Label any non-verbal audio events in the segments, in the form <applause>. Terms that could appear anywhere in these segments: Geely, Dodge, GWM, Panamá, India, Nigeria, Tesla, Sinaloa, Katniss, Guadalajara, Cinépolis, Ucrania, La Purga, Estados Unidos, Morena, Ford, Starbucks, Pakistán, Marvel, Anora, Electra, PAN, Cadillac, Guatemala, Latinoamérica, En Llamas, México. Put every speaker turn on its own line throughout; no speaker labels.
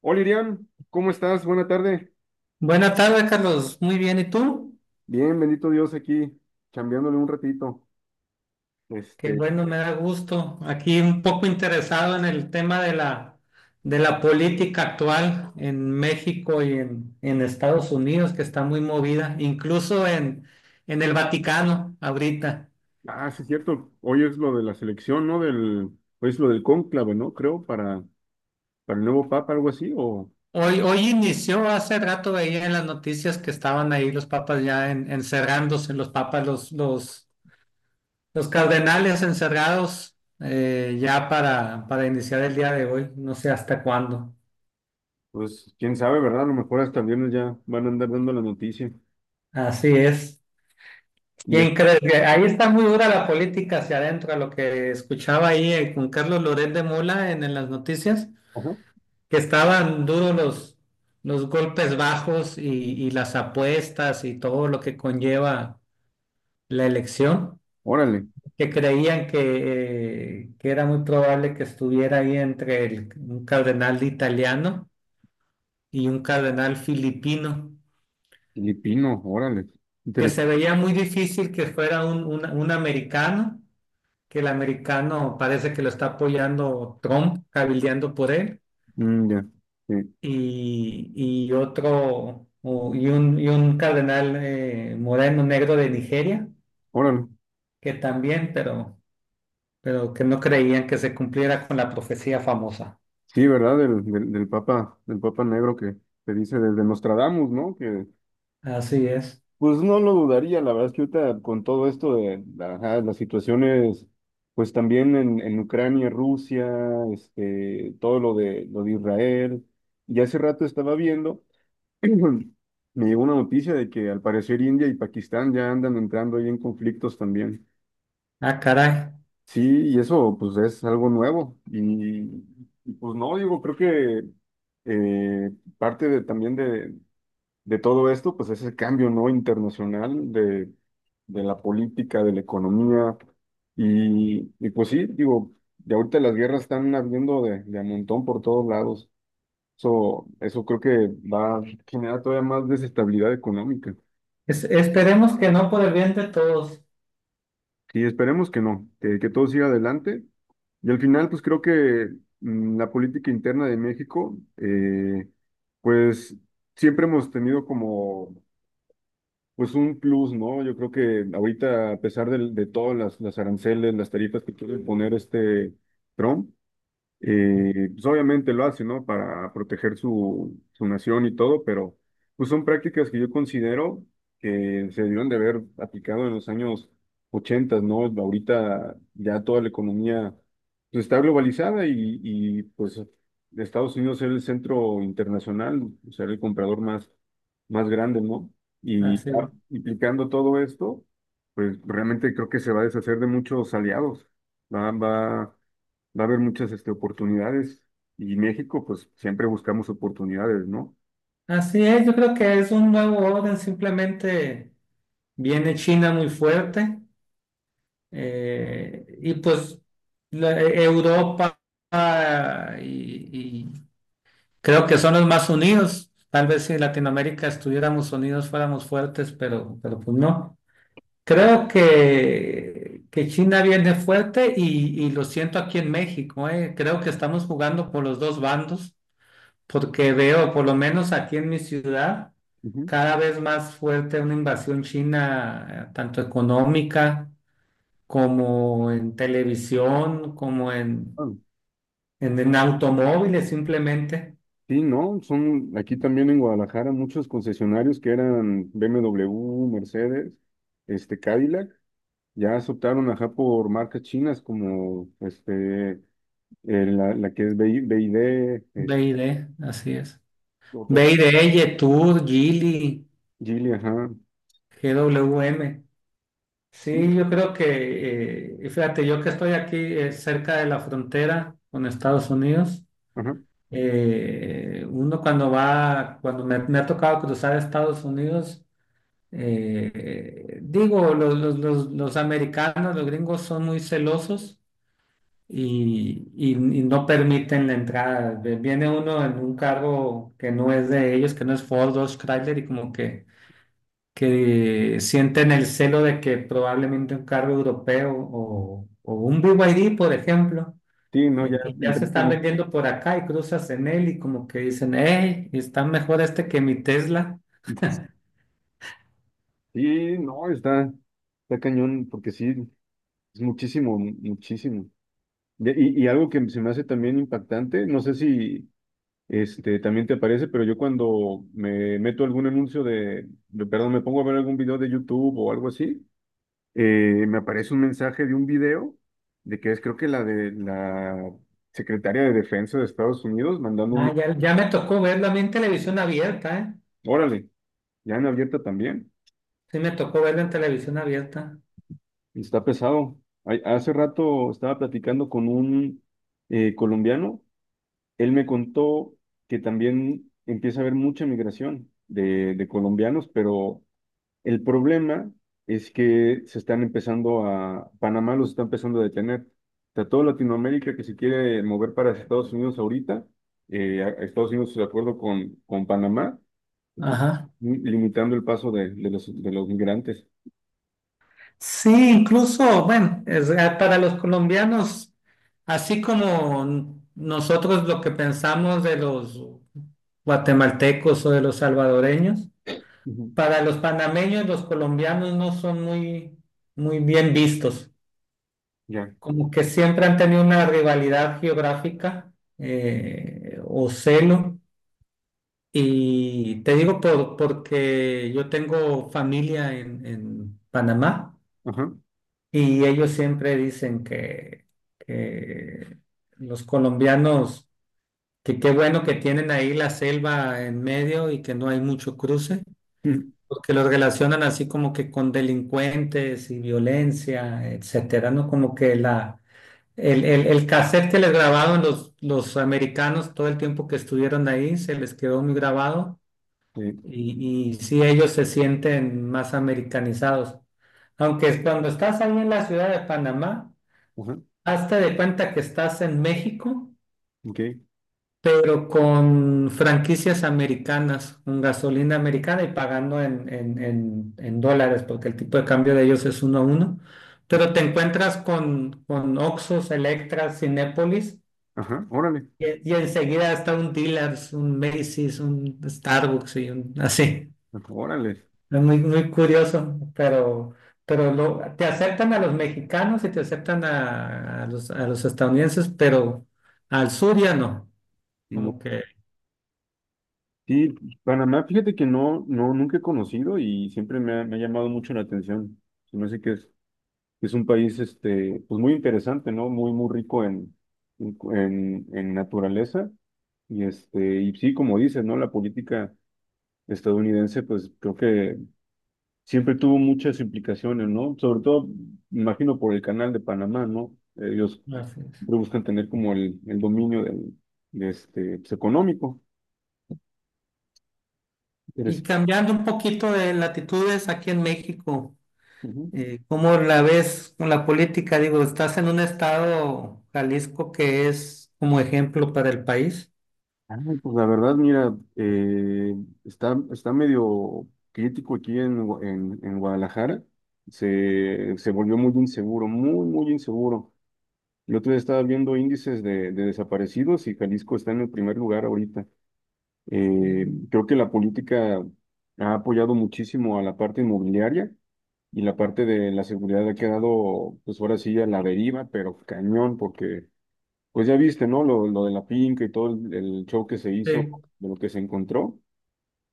Hola Iriam, ¿cómo estás? Buena tarde.
Buenas tardes, Carlos. Muy bien, ¿y tú?
Bien, bendito Dios aquí, chambeándole un ratito.
Qué
Este,
bueno, me da gusto. Aquí un poco interesado en el tema de la política actual en México y en Estados Unidos, que está muy movida, incluso en el Vaticano ahorita.
sí es cierto, hoy es lo de la selección, ¿no? Hoy es lo del cónclave, ¿no? Creo, para el nuevo papa, algo así. O
Hoy inició, hace rato veía en las noticias que estaban ahí los papas ya encerrándose, los papas, los cardenales encerrados, ya para iniciar el día de hoy, no sé hasta cuándo.
pues quién sabe, ¿verdad? A lo mejor hasta el viernes ya van a andar dando la noticia.
Así es.
Y es,
¿Quién crees que ahí está muy dura la política hacia adentro? A lo que escuchaba ahí, con Carlos Loret de Mola en las noticias,
ajá,
que estaban duros los golpes bajos y las apuestas y todo lo que conlleva la elección,
órale,
que creían que era muy probable que estuviera ahí entre un cardenal italiano y un cardenal filipino,
filipino, órale,
que se
interesante.
veía muy difícil que fuera un americano, que el americano parece que lo está apoyando Trump, cabildeando por él,
Mm, ya, sí,
y otro, y un cardenal, moreno negro de Nigeria,
órale.
que también, pero, que no creían que se cumpliera con la profecía famosa.
Sí, ¿verdad? Del papa negro que se dice desde Nostradamus, ¿no? Que
Así es.
Pues no lo dudaría, la verdad es que ahorita con todo esto de, ajá, las situaciones, pues también en Ucrania, Rusia, todo lo de Israel, y hace rato estaba viendo, <clears throat> me llegó una noticia de que al parecer India y Pakistán ya andan entrando ahí en conflictos también.
Ah, caray.
Sí, y eso pues es algo nuevo. Y, y, pues no, digo, creo que eh, parte de, también de todo esto, pues es el cambio, ¿no? Internacional de la política, de la economía. Y pues sí, digo, de ahorita las guerras están habiendo de a montón por todos lados. Eso creo que va a generar todavía más desestabilidad económica.
Esperemos que no, por el bien de todos.
Y esperemos que no, que todo siga adelante. Y al final, pues creo que la política interna de México, pues siempre hemos tenido como pues un plus, ¿no? Yo creo que ahorita, a pesar de todas las aranceles, las tarifas que quieren poner este Trump, pues obviamente lo hace, ¿no? Para proteger su, su nación y todo, pero pues son prácticas que yo considero que se debieron de haber aplicado en los años 80, ¿no? Ahorita ya toda la economía pues, está globalizada. Y, y pues Estados Unidos es el centro internacional, o sea, el comprador más, más grande, ¿no? Y
Así es.
ya implicando todo esto, pues realmente creo que se va a deshacer de muchos aliados. Va, va a haber muchas este, oportunidades, y México, pues siempre buscamos oportunidades, ¿no?
Así es, yo creo que es un nuevo orden, simplemente viene China muy fuerte. Y pues Europa, ah, y creo que son los más unidos. Tal vez si Latinoamérica estuviéramos unidos fuéramos fuertes, pero pues no. Creo que China viene fuerte y lo siento aquí en México. Creo que estamos jugando por los dos bandos, porque veo, por lo menos aquí en mi ciudad,
Ujú.
cada vez más fuerte una invasión china, tanto económica como en televisión, como en,
Ah,
en, en automóviles simplemente.
sí, no, son aquí también en Guadalajara muchos concesionarios que eran BMW, Mercedes, este Cadillac, ya se optaron, ajá, por marcas chinas, como este, la que es BYD,
B
es-
y D, así es.
otras
BID, Yetur, Geely,
Geely, ajá.
GWM.
Y,
Sí, yo creo y fíjate, yo que estoy aquí cerca de la frontera con Estados Unidos,
ajá.
uno cuando va, cuando me ha tocado cruzar a Estados Unidos, digo, los americanos, los gringos son muy celosos y, y- y no permiten la entrada. Viene uno en un cargo que no es de ellos, que no es Ford, Dodge, Chrysler, y como que sienten el celo de que probablemente un cargo europeo o un BYD, por ejemplo,
Sí, no, ya
que ya
entré
se están
con-
vendiendo por acá y cruzas en él y como que dicen, hey, está mejor este que mi Tesla.
Sí, no, está, está cañón porque sí es muchísimo, muchísimo. Ya, Y, y algo que se me hace también impactante, no sé si este, también te aparece, pero yo cuando me meto algún anuncio perdón, me pongo a ver algún video de YouTube o algo así, me aparece un mensaje de un video de que es, creo que, la de la secretaria de Defensa de Estados Unidos mandando
Ah,
un,
ya, ya me tocó verlo a mí en televisión abierta, ¿eh?
órale, ya en abierta también,
Sí, me tocó verlo en televisión abierta.
y está pesado. Ay, hace rato estaba platicando con un, colombiano. Él me contó que también empieza a haber mucha migración de colombianos, pero el problema es que se están empezando a, Panamá los está empezando a detener. O sea, toda Latinoamérica que se quiere mover para Estados Unidos ahorita, a Estados Unidos de acuerdo con Panamá,
Ajá.
limitando el paso de los migrantes.
Sí, incluso, bueno, para los colombianos, así como nosotros lo que pensamos de los guatemaltecos o de los salvadoreños,
Ujú.
para los panameños los colombianos no son muy, muy bien vistos,
Ya.
como que siempre han tenido una rivalidad geográfica, o celo. Y te digo porque yo tengo familia en Panamá.
Ajá.
Y ellos siempre dicen que los colombianos, que qué bueno que tienen ahí la selva en medio y que no hay mucho cruce,
Ujú.
porque los relacionan así como que con delincuentes y violencia, etcétera, ¿no? Como que el cassette que les grabaron los americanos todo el tiempo que estuvieron ahí se les quedó muy grabado,
Sí.
y sí, ellos se sienten más americanizados. Aunque cuando estás ahí en la ciudad de Panamá,
Ajá.
hazte de cuenta que estás en México,
Ok.
pero con franquicias americanas, con gasolina americana y pagando en dólares, porque el tipo de cambio de ellos es uno a uno. Pero te encuentras con Oxxos, Electras, Cinépolis,
Ajá. Órale.
y enseguida está un dealers, un Macy's, un Starbucks y un así.
Órale.
Es muy, muy curioso, pero te aceptan a los mexicanos y te aceptan a los estadounidenses, pero al sur ya no. Como que.
Sí, Panamá, fíjate que no, no, nunca he conocido y siempre me ha llamado mucho la atención. Se me hace que es un país, este, pues muy interesante, ¿no? Muy, muy rico en, en naturaleza. Y este, y sí, como dices, ¿no? La política estadounidense, pues creo que siempre tuvo muchas implicaciones, ¿no? Sobre todo, me imagino, por el canal de Panamá, ¿no? Ellos
Así es.
siempre buscan tener como el dominio del, de este, pues, económico.
Y
Interes-
cambiando un poquito de latitudes aquí en México,
Ujú.
¿cómo la ves con la política? Digo, estás en un estado, Jalisco, que es como ejemplo para el país.
Ay, pues la verdad, mira, está, está medio crítico aquí en, en Guadalajara. Se volvió muy inseguro, muy, muy inseguro. El otro día estaba viendo índices de desaparecidos y Jalisco está en el primer lugar ahorita. Creo que la política ha apoyado muchísimo a la parte inmobiliaria y la parte de la seguridad ha quedado, pues ahora sí, a la deriva, pero cañón, porque pues ya viste, ¿no? Lo de la finca y todo el show que se hizo,
Sí,
de lo que se encontró.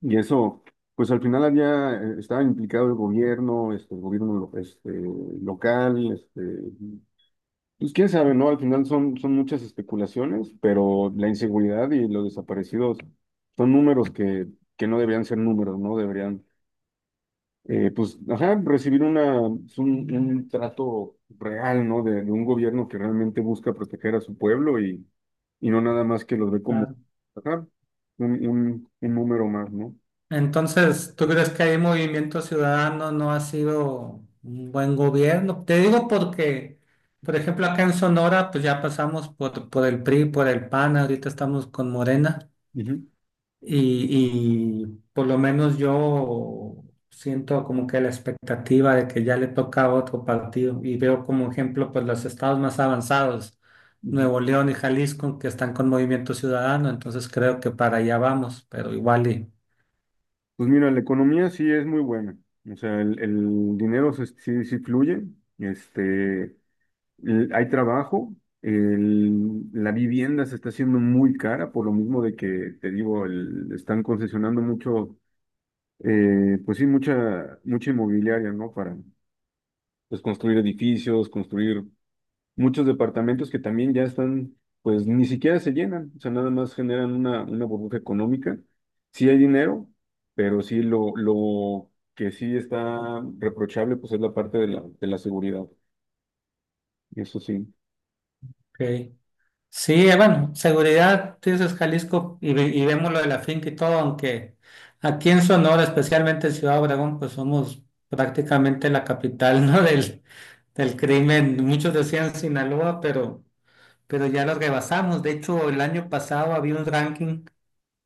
Y eso, pues al final había, estaba implicado el gobierno, este, el gobierno este, local, este, pues quién sabe, ¿no? Al final son, son muchas especulaciones, pero la inseguridad y los desaparecidos son números que no deberían ser números, ¿no? Deberían, pues, ajá, recibir una, pues, un trato real, ¿no? De un gobierno que realmente busca proteger a su pueblo, y no nada más que los ve como,
claro.
ajá, un número más, ¿no?
Entonces, ¿tú crees que hay Movimiento Ciudadano no ha sido un buen gobierno? Te digo porque, por ejemplo, acá en Sonora, pues ya pasamos por el PRI, por el PAN, ahorita estamos con Morena
Ujú,
y por lo menos yo siento como que la expectativa de que ya le toca a otro partido, y veo como ejemplo pues los estados más avanzados,
ujú.
Nuevo León y Jalisco, que están con Movimiento Ciudadano, entonces creo que para allá vamos, pero igual y...
Pues mira, la economía sí es muy buena, o sea, el dinero sí, sí fluye, este, hay trabajo, la vivienda se está haciendo muy cara por lo mismo de que, te digo, están concesionando mucho, pues sí, mucha, mucha inmobiliaria, ¿no? Para pues, construir edificios, construir muchos departamentos que también ya están, pues ni siquiera se llenan, o sea, nada más generan una burbuja económica. Sí hay dinero, pero sí lo que sí está reprochable, pues es la parte de la seguridad, eso sí.
Ok. Sí, bueno, seguridad, tú dices Jalisco y vemos lo de la finca y todo, aunque aquí en Sonora, especialmente en Ciudad Obregón, pues somos prácticamente la capital, <laughs> ¿no? Del crimen. Muchos decían Sinaloa, pero, ya los rebasamos. De hecho, el año pasado había un ranking,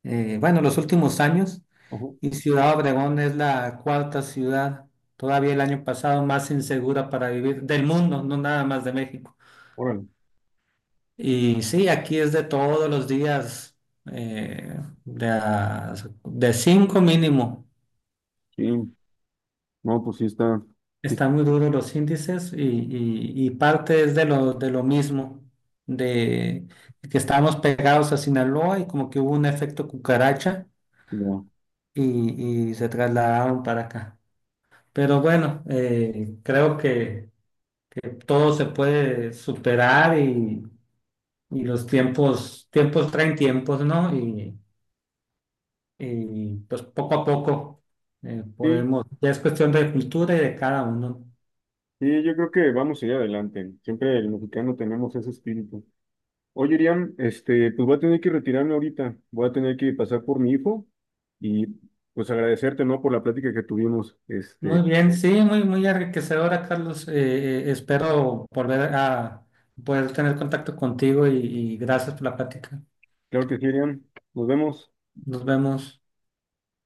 bueno, los últimos años,
Ojo,
y Ciudad Obregón es la cuarta ciudad, todavía el año pasado, más insegura para vivir del mundo, no nada más de México.
órale.
Y sí, aquí es de todos los días, eh, de, a- de cinco mínimo.
Sí, no, pues sí está, sí,
Están muy duros los índices y parte es de lo mismo, de que estábamos pegados a Sinaloa y como que hubo un efecto cucaracha,
no.
y se trasladaron para acá. Pero bueno, creo que todo se puede superar, y los tiempos, tiempos traen tiempos, ¿no? Y pues poco a poco
Sí,
podemos, ya es cuestión de cultura y de cada uno.
sí, yo creo que vamos a ir adelante. Siempre el mexicano tenemos ese espíritu. Oye, Iriam, este, pues voy a tener que retirarme ahorita, voy a tener que pasar por mi hijo y pues agradecerte, ¿no? Por la plática que tuvimos.
Muy
Este,
bien, sí, muy, muy enriquecedora, Carlos. Espero volver a poder tener contacto contigo, y gracias por la plática.
claro que sí, Iriam, nos vemos.
Nos vemos.